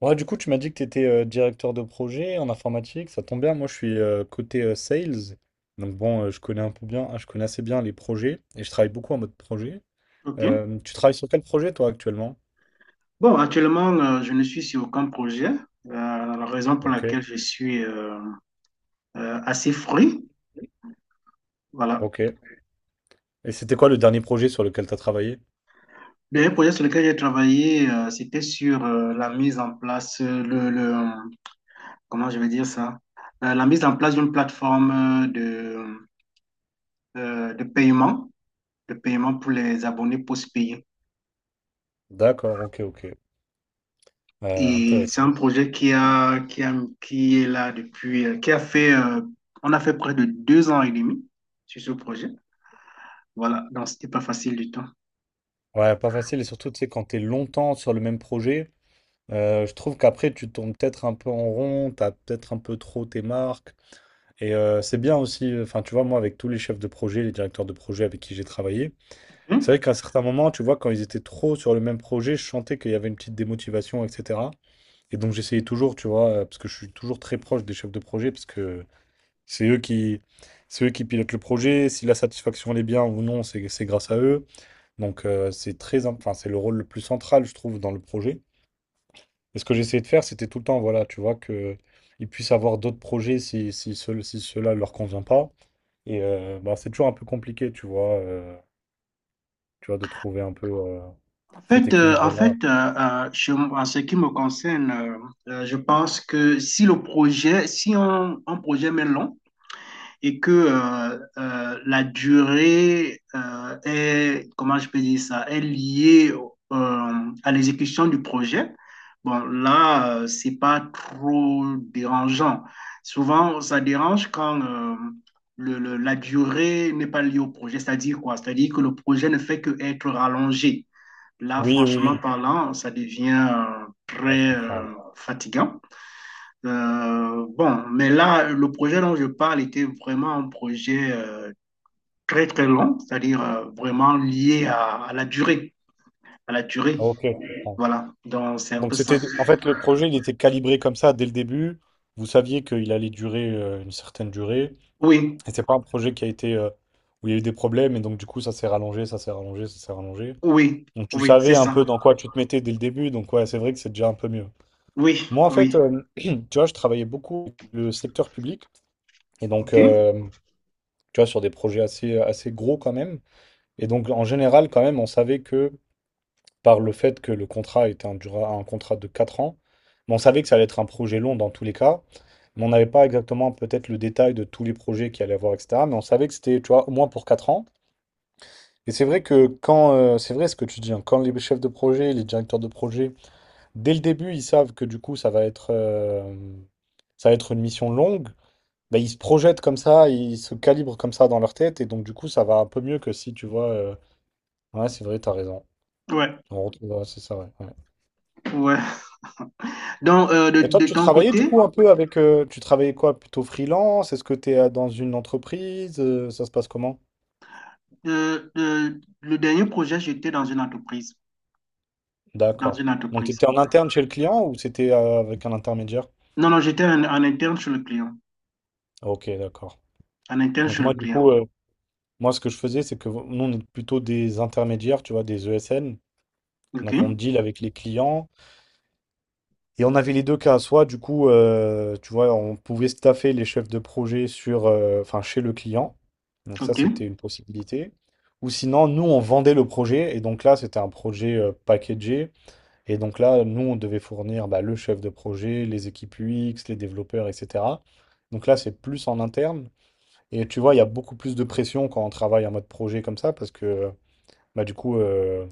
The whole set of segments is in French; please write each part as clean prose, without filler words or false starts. Ouais, du coup, tu m'as dit que tu étais directeur de projet en informatique. Ça tombe bien, moi je suis côté sales. Donc bon, je connais un peu bien, je connais assez bien les projets et je travaille beaucoup en mode projet. OK. Tu travailles sur quel projet toi actuellement? Bon, actuellement, je ne suis sur aucun projet. La raison pour Ok, laquelle je suis assez fruit, voilà. ok. Et c'était quoi le dernier projet sur lequel tu as travaillé? Le dernier projet sur lequel j'ai travaillé, c'était sur la mise en place, comment je vais dire ça? La mise en place d'une plateforme euh, de paiement, de paiement pour les abonnés post-payés. D'accord, ok, ok. Et c'est Intéressant. un projet qui est là depuis, on a fait près de 2 ans et demi sur ce projet. Voilà, donc c'était pas facile du tout. Ouais, pas facile, et surtout, tu sais, quand t'es longtemps sur le même projet, je trouve qu'après, tu tombes peut-être un peu en rond, t'as peut-être un peu trop tes marques. Et c'est bien aussi, enfin, tu vois, moi, avec tous les chefs de projet, les directeurs de projet avec qui j'ai travaillé, c'est Ok. vrai qu'à un certain moment, tu vois, quand ils étaient trop sur le même projet, je sentais qu'il y avait une petite démotivation, etc. Et donc, j'essayais toujours, tu vois, parce que je suis toujours très proche des chefs de projet, parce que c'est eux qui, c'est eux qui pilotent le projet. Si la satisfaction elle est bien ou non, c'est grâce à eux. Donc c'est très, enfin, c'est le rôle le plus central, je trouve, dans le projet. Et ce que j'essayais de faire, c'était tout le temps, voilà, tu vois, que ils puissent avoir d'autres projets si cela leur convient pas. Et bah, c'est toujours un peu compliqué, tu vois, de trouver un peu cet En fait, équilibre-là. En ce qui me concerne, je pense que si le projet, si un projet met long, et que la durée est, comment je peux dire ça, est liée à l'exécution du projet, bon, là, c'est pas trop dérangeant. Souvent, ça dérange quand la durée n'est pas liée au projet, c'est-à-dire quoi? C'est-à-dire que le projet ne fait que être rallongé. Là, Oui, oui, franchement oui. parlant, ça devient Ah, je très comprends. Fatigant. Bon, mais là, le projet dont je parle était vraiment un projet très, très long, c'est-à-dire vraiment lié à la durée, à la durée. Ah, ok, je comprends. Voilà, donc c'est un Donc peu ça. c'était, en fait, le projet, il était calibré comme ça dès le début. Vous saviez qu'il allait durer une certaine durée. Oui, Et c'est pas un projet qui a été où il y a eu des problèmes et donc du coup ça s'est rallongé. oui, Donc tu oui, c'est savais un ça. peu dans quoi tu te mettais dès le début, donc ouais, c'est vrai que c'est déjà un peu mieux. Oui, Moi en fait, oui. Tu vois, je travaillais beaucoup avec le secteur public et donc OK. Tu vois sur des projets assez gros quand même. Et donc en général quand même, on savait que par le fait que le contrat était un contrat de 4 ans, mais on savait que ça allait être un projet long dans tous les cas. Mais on n'avait pas exactement peut-être le détail de tous les projets qu'il allait y avoir, etc. Mais on savait que c'était, tu vois, au moins pour 4 ans. Et c'est vrai que quand, c'est vrai ce que tu dis, hein, quand les chefs de projet, les directeurs de projet, dès le début, ils savent que du coup, ça va être une mission longue, bah, ils se projettent comme ça, ils se calibrent comme ça dans leur tête, et donc du coup, ça va un peu mieux que si tu vois. Ouais, c'est vrai, t'as raison. Ouais, On retrouve, ouais, c'est ça, ouais, ouais. ouais. Donc, Et toi, de tu ton travaillais du côté, coup un peu avec, tu travaillais quoi, plutôt freelance? Est-ce que tu es dans une entreprise? Ça se passe comment? Le dernier projet, j'étais dans une entreprise, dans D'accord. une Donc, tu entreprise. étais en interne chez le client ou c'était avec un intermédiaire? Non, non, en interne chez le client, Ok, d'accord. en interne Donc chez le moi, du client. coup, moi, ce que je faisais, c'est que nous, on est plutôt des intermédiaires, tu vois, des ESN. OK, Donc on deal avec les clients. Et on avait les deux cas. Soit, du coup, tu vois, on pouvait staffer les chefs de projet sur, enfin, chez le client. Donc ça, OK. c'était une possibilité. Ou sinon, nous, on vendait le projet. Et donc là, c'était un projet packagé. Et donc là, nous, on devait fournir bah, le chef de projet, les équipes UX les développeurs, etc. Donc là, c'est plus en interne. Et tu vois, il y a beaucoup plus de pression quand on travaille en mode projet comme ça, parce que bah, du coup,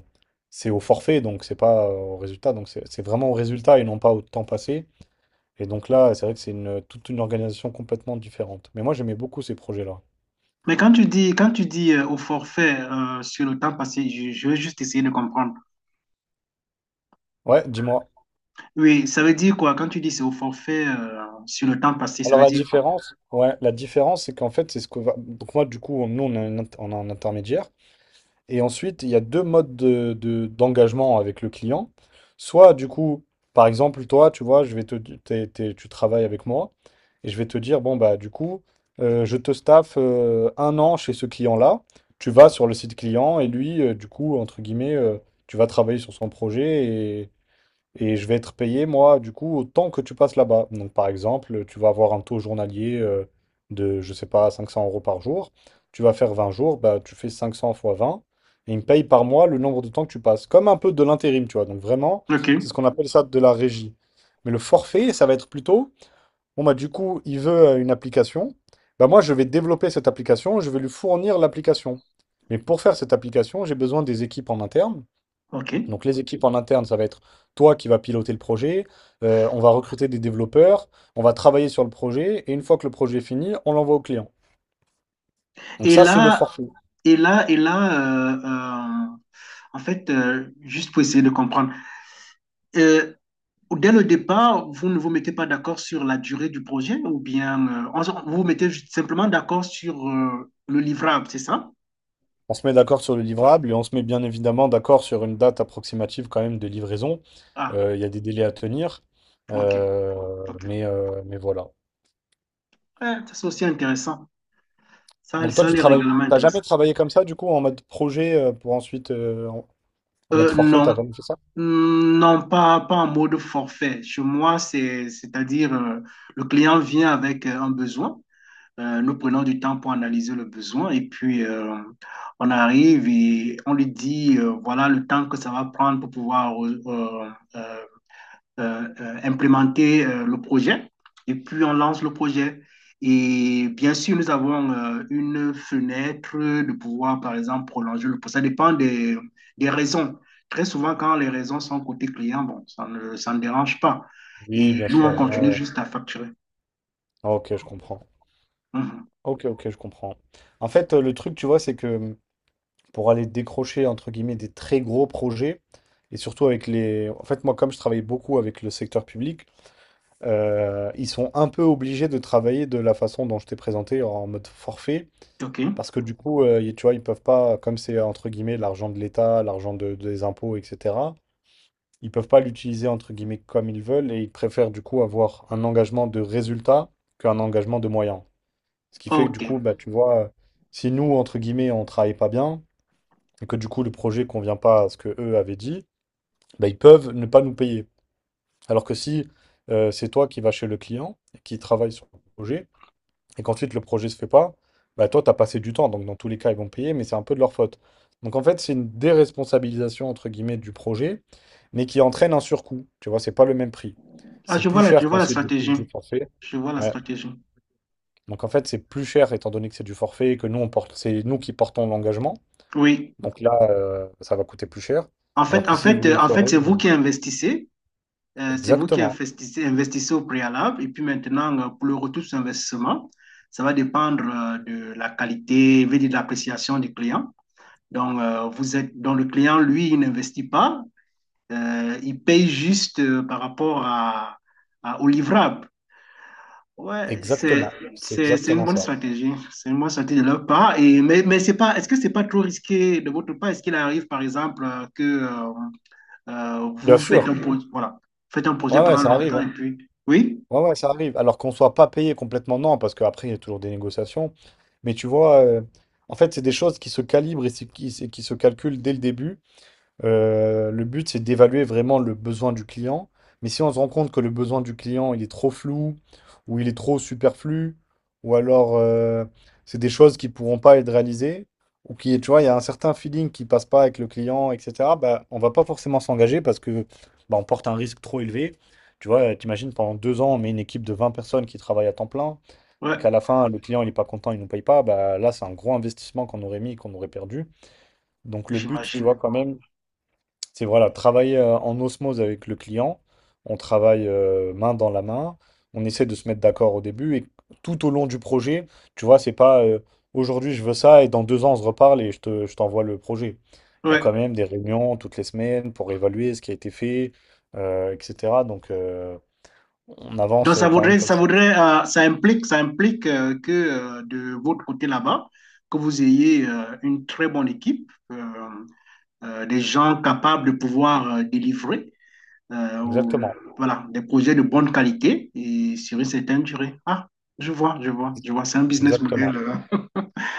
c'est au forfait, donc c'est pas au résultat. Donc c'est vraiment au résultat et non pas au temps passé. Et donc là, c'est vrai que c'est une, toute une organisation complètement différente. Mais moi, j'aimais beaucoup ces projets-là. Mais quand tu dis au forfait sur le temps passé, je vais juste essayer de comprendre. Ouais, dis-moi. Oui, ça veut dire quoi? Quand tu dis c'est au forfait sur le temps passé, ça Alors veut la dire quoi? différence, ouais, la différence, c'est qu'en fait, c'est ce que va... Donc moi, du coup, nous, on a un intermédiaire. Et ensuite, il y a deux modes d'engagement avec le client. Soit, du coup, par exemple, toi, tu vois, je vais te, di- t'es- t'es- tu travailles avec moi et je vais te dire, bon, bah, du coup, je te staffe 1 an chez ce client-là. Tu vas sur le site client et lui, du coup, entre guillemets, tu vas travailler sur son projet et je vais être payé, moi, du coup, autant que tu passes là-bas. Donc, par exemple, tu vas avoir un taux journalier de, je sais pas, 500 euros par jour. Tu vas faire 20 jours, bah, tu fais 500 fois 20. Et ils me paye par mois le nombre de temps que tu passes. Comme un peu de l'intérim, tu vois. Donc, vraiment, Ok, c'est ce qu'on appelle ça de la régie. Mais le forfait, ça va être plutôt, bon, bah, du coup, il veut une application. Bah, moi, je vais développer cette application, je vais lui fournir l'application. Mais pour faire cette application, j'ai besoin des équipes en interne. ok. Donc les équipes en interne, ça va être toi qui vas piloter le projet, on va recruter des développeurs, on va travailler sur le projet, et une fois que le projet est fini, on l'envoie au client. Donc Et ça, c'est le là, forfait. et là, et là, euh, euh, en fait, juste pour essayer de comprendre, euh, dès le départ, vous ne vous mettez pas d'accord sur la durée du projet ou bien vous vous mettez juste simplement d'accord sur le livrable, c'est ça? On se met d'accord sur le livrable et on se met bien évidemment d'accord sur une date approximative quand même de livraison. Ah, Il y a des délais à tenir. ok, Euh, ok. Mais voilà. Ouais, ça, c'est aussi intéressant. Ça, Donc toi, ça tu les travailles, règlements t'as jamais intéressants. travaillé comme ça, du coup, en mode projet pour ensuite... En mode forfait, t'as Non, jamais fait ça? non, pas en mode forfait. Chez moi, c'est-à-dire le client vient avec un besoin. Nous prenons du temps pour analyser le besoin et puis on arrive et on lui dit voilà le temps que ça va prendre pour pouvoir euh, implémenter le projet et puis on lance le projet. Et bien sûr, nous avons une fenêtre de pouvoir, par exemple, prolonger le procès. Ça dépend des raisons. Très souvent, quand les raisons sont côté client, bon, ça ne dérange pas. Oui, Et bien nous, on sûr. Ouais, continue ouais. juste à facturer. Ah, ok, je comprends. Mhm. Ok, ok, je comprends. En fait, le truc, tu vois, c'est que pour aller décrocher, entre guillemets, des très gros projets, et surtout avec les... En fait, moi, comme je travaille beaucoup avec le secteur public, ils sont un peu obligés de travailler de la façon dont je t'ai présenté en mode forfait, OK. parce que du coup, tu vois, ils peuvent pas, comme c'est entre guillemets l'argent de l'État, des impôts, etc., ils peuvent pas l'utiliser entre guillemets comme ils veulent et ils préfèrent du coup avoir un engagement de résultat qu'un engagement de moyens. Ce qui fait que du OK. coup, bah, tu vois, si nous, entre guillemets, on travaille pas bien et que du coup le projet convient pas à ce que eux avaient dit, bah, ils peuvent ne pas nous payer. Alors que si c'est toi qui vas chez le client et qui travaille sur le projet, et qu'ensuite le projet se fait pas, bah toi, tu as passé du temps. Donc dans tous les cas, ils vont payer, mais c'est un peu de leur faute. Donc en fait, c'est une déresponsabilisation, entre guillemets, du projet, mais qui entraîne un surcoût. Tu vois, c'est pas le même prix. Ah, C'est plus cher je quand vois la c'est stratégie. du forfait. Je vois la Ouais. stratégie. Donc en fait, c'est plus cher étant donné que c'est du forfait, et que nous, on porte, c'est nous qui portons l'engagement. Oui. Donc là, ça va coûter plus cher. En Alors fait, que en s'ils fait, voulaient euh, le en faire fait, eux, c'est vous qui investissez. C'est vous qui exactement. investissez, investissez au préalable. Et puis maintenant, pour le retour sur investissement, ça va dépendre de la qualité, je de l'appréciation du client. Donc, le client, lui, il n'investit pas. Il paye juste par rapport à- au livrable. Ouais, c'est, Exactement, c'est c'est une exactement bonne ça. stratégie. C'est une bonne stratégie de leur part. Et, mais c'est pas, est-ce que c'est pas trop risqué de votre part? Est-ce qu'il arrive, par exemple, Bien vous faites un sûr, projet, voilà, faites un projet ouais, ouais, pendant ça arrive, longtemps et hein. puis, oui, Ouais, ouais, ça arrive. Alors qu'on soit pas payé complètement, non, parce qu'après, il y a toujours des négociations. Mais tu vois, en fait, c'est des choses qui se calibrent et et qui se calculent dès le début. Le but, c'est d'évaluer vraiment le besoin du client. Mais si on se rend compte que le besoin du client, il est trop flou, ou il est trop superflu, ou alors c'est des choses qui ne pourront pas être réalisées, ou qui, tu vois, il y a un certain feeling qui passe pas avec le client, etc., bah, on va pas forcément s'engager parce que bah, on porte un risque trop élevé. Tu vois, t'imagines, pendant 2 ans, on met une équipe de 20 personnes qui travaillent à temps plein, et ouais, qu'à la fin, le client, il est pas content, il ne nous paye pas, bah, là, c'est un gros investissement qu'on aurait mis, et qu'on aurait perdu. Donc le but, tu j'imagine. vois, quand même, c'est voilà, travailler en osmose avec le client. On travaille main dans la main. On essaie de se mettre d'accord au début et tout au long du projet, tu vois, c'est pas aujourd'hui je veux ça et dans 2 ans on se reparle et je t'envoie le projet. Il y a Ouais. quand même des réunions toutes les semaines pour évaluer ce qui a été fait, etc. Donc on Donc avance ça quand même voudrait, comme ça ça. voudrait, euh, ça implique, ça implique que de votre côté là-bas, que vous ayez une très bonne équipe, des gens capables de pouvoir délivrer, euh, au- Exactement, voilà, des projets de bonne qualité et sur une certaine durée. Ah, je vois, je vois, je vois, c'est un business model. exactement.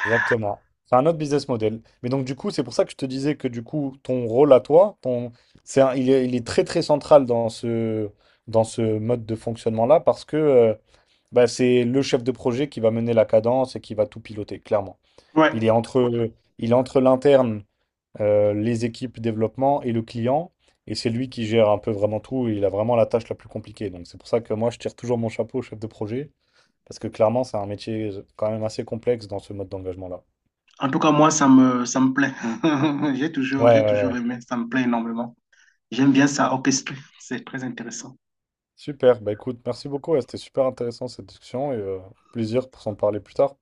Exactement. C'est un autre business model. Mais donc, du coup, c'est pour ça que je te disais que, du coup, ton rôle à toi, ton, c'est un- il est très, très central dans ce mode de fonctionnement-là parce que bah, c'est le chef de projet qui va mener la cadence et qui va tout piloter, clairement. Il Ouais. est entre, il est entre l'interne, les équipes développement et le client. Et c'est lui qui gère un peu vraiment tout. Il a vraiment la tâche la plus compliquée. Donc, c'est pour ça que moi, je tire toujours mon chapeau au chef de projet parce que, clairement, c'est un métier quand même assez complexe dans ce mode d'engagement-là. En tout cas, moi, ça me plaît. Ouais, j'ai ouais, toujours ouais. aimé. Ça me plaît énormément. J'aime bien ça orchestré. C'est très intéressant. Super, bah écoute, merci beaucoup, ouais, c'était super intéressant cette discussion et plaisir pour s'en parler plus tard.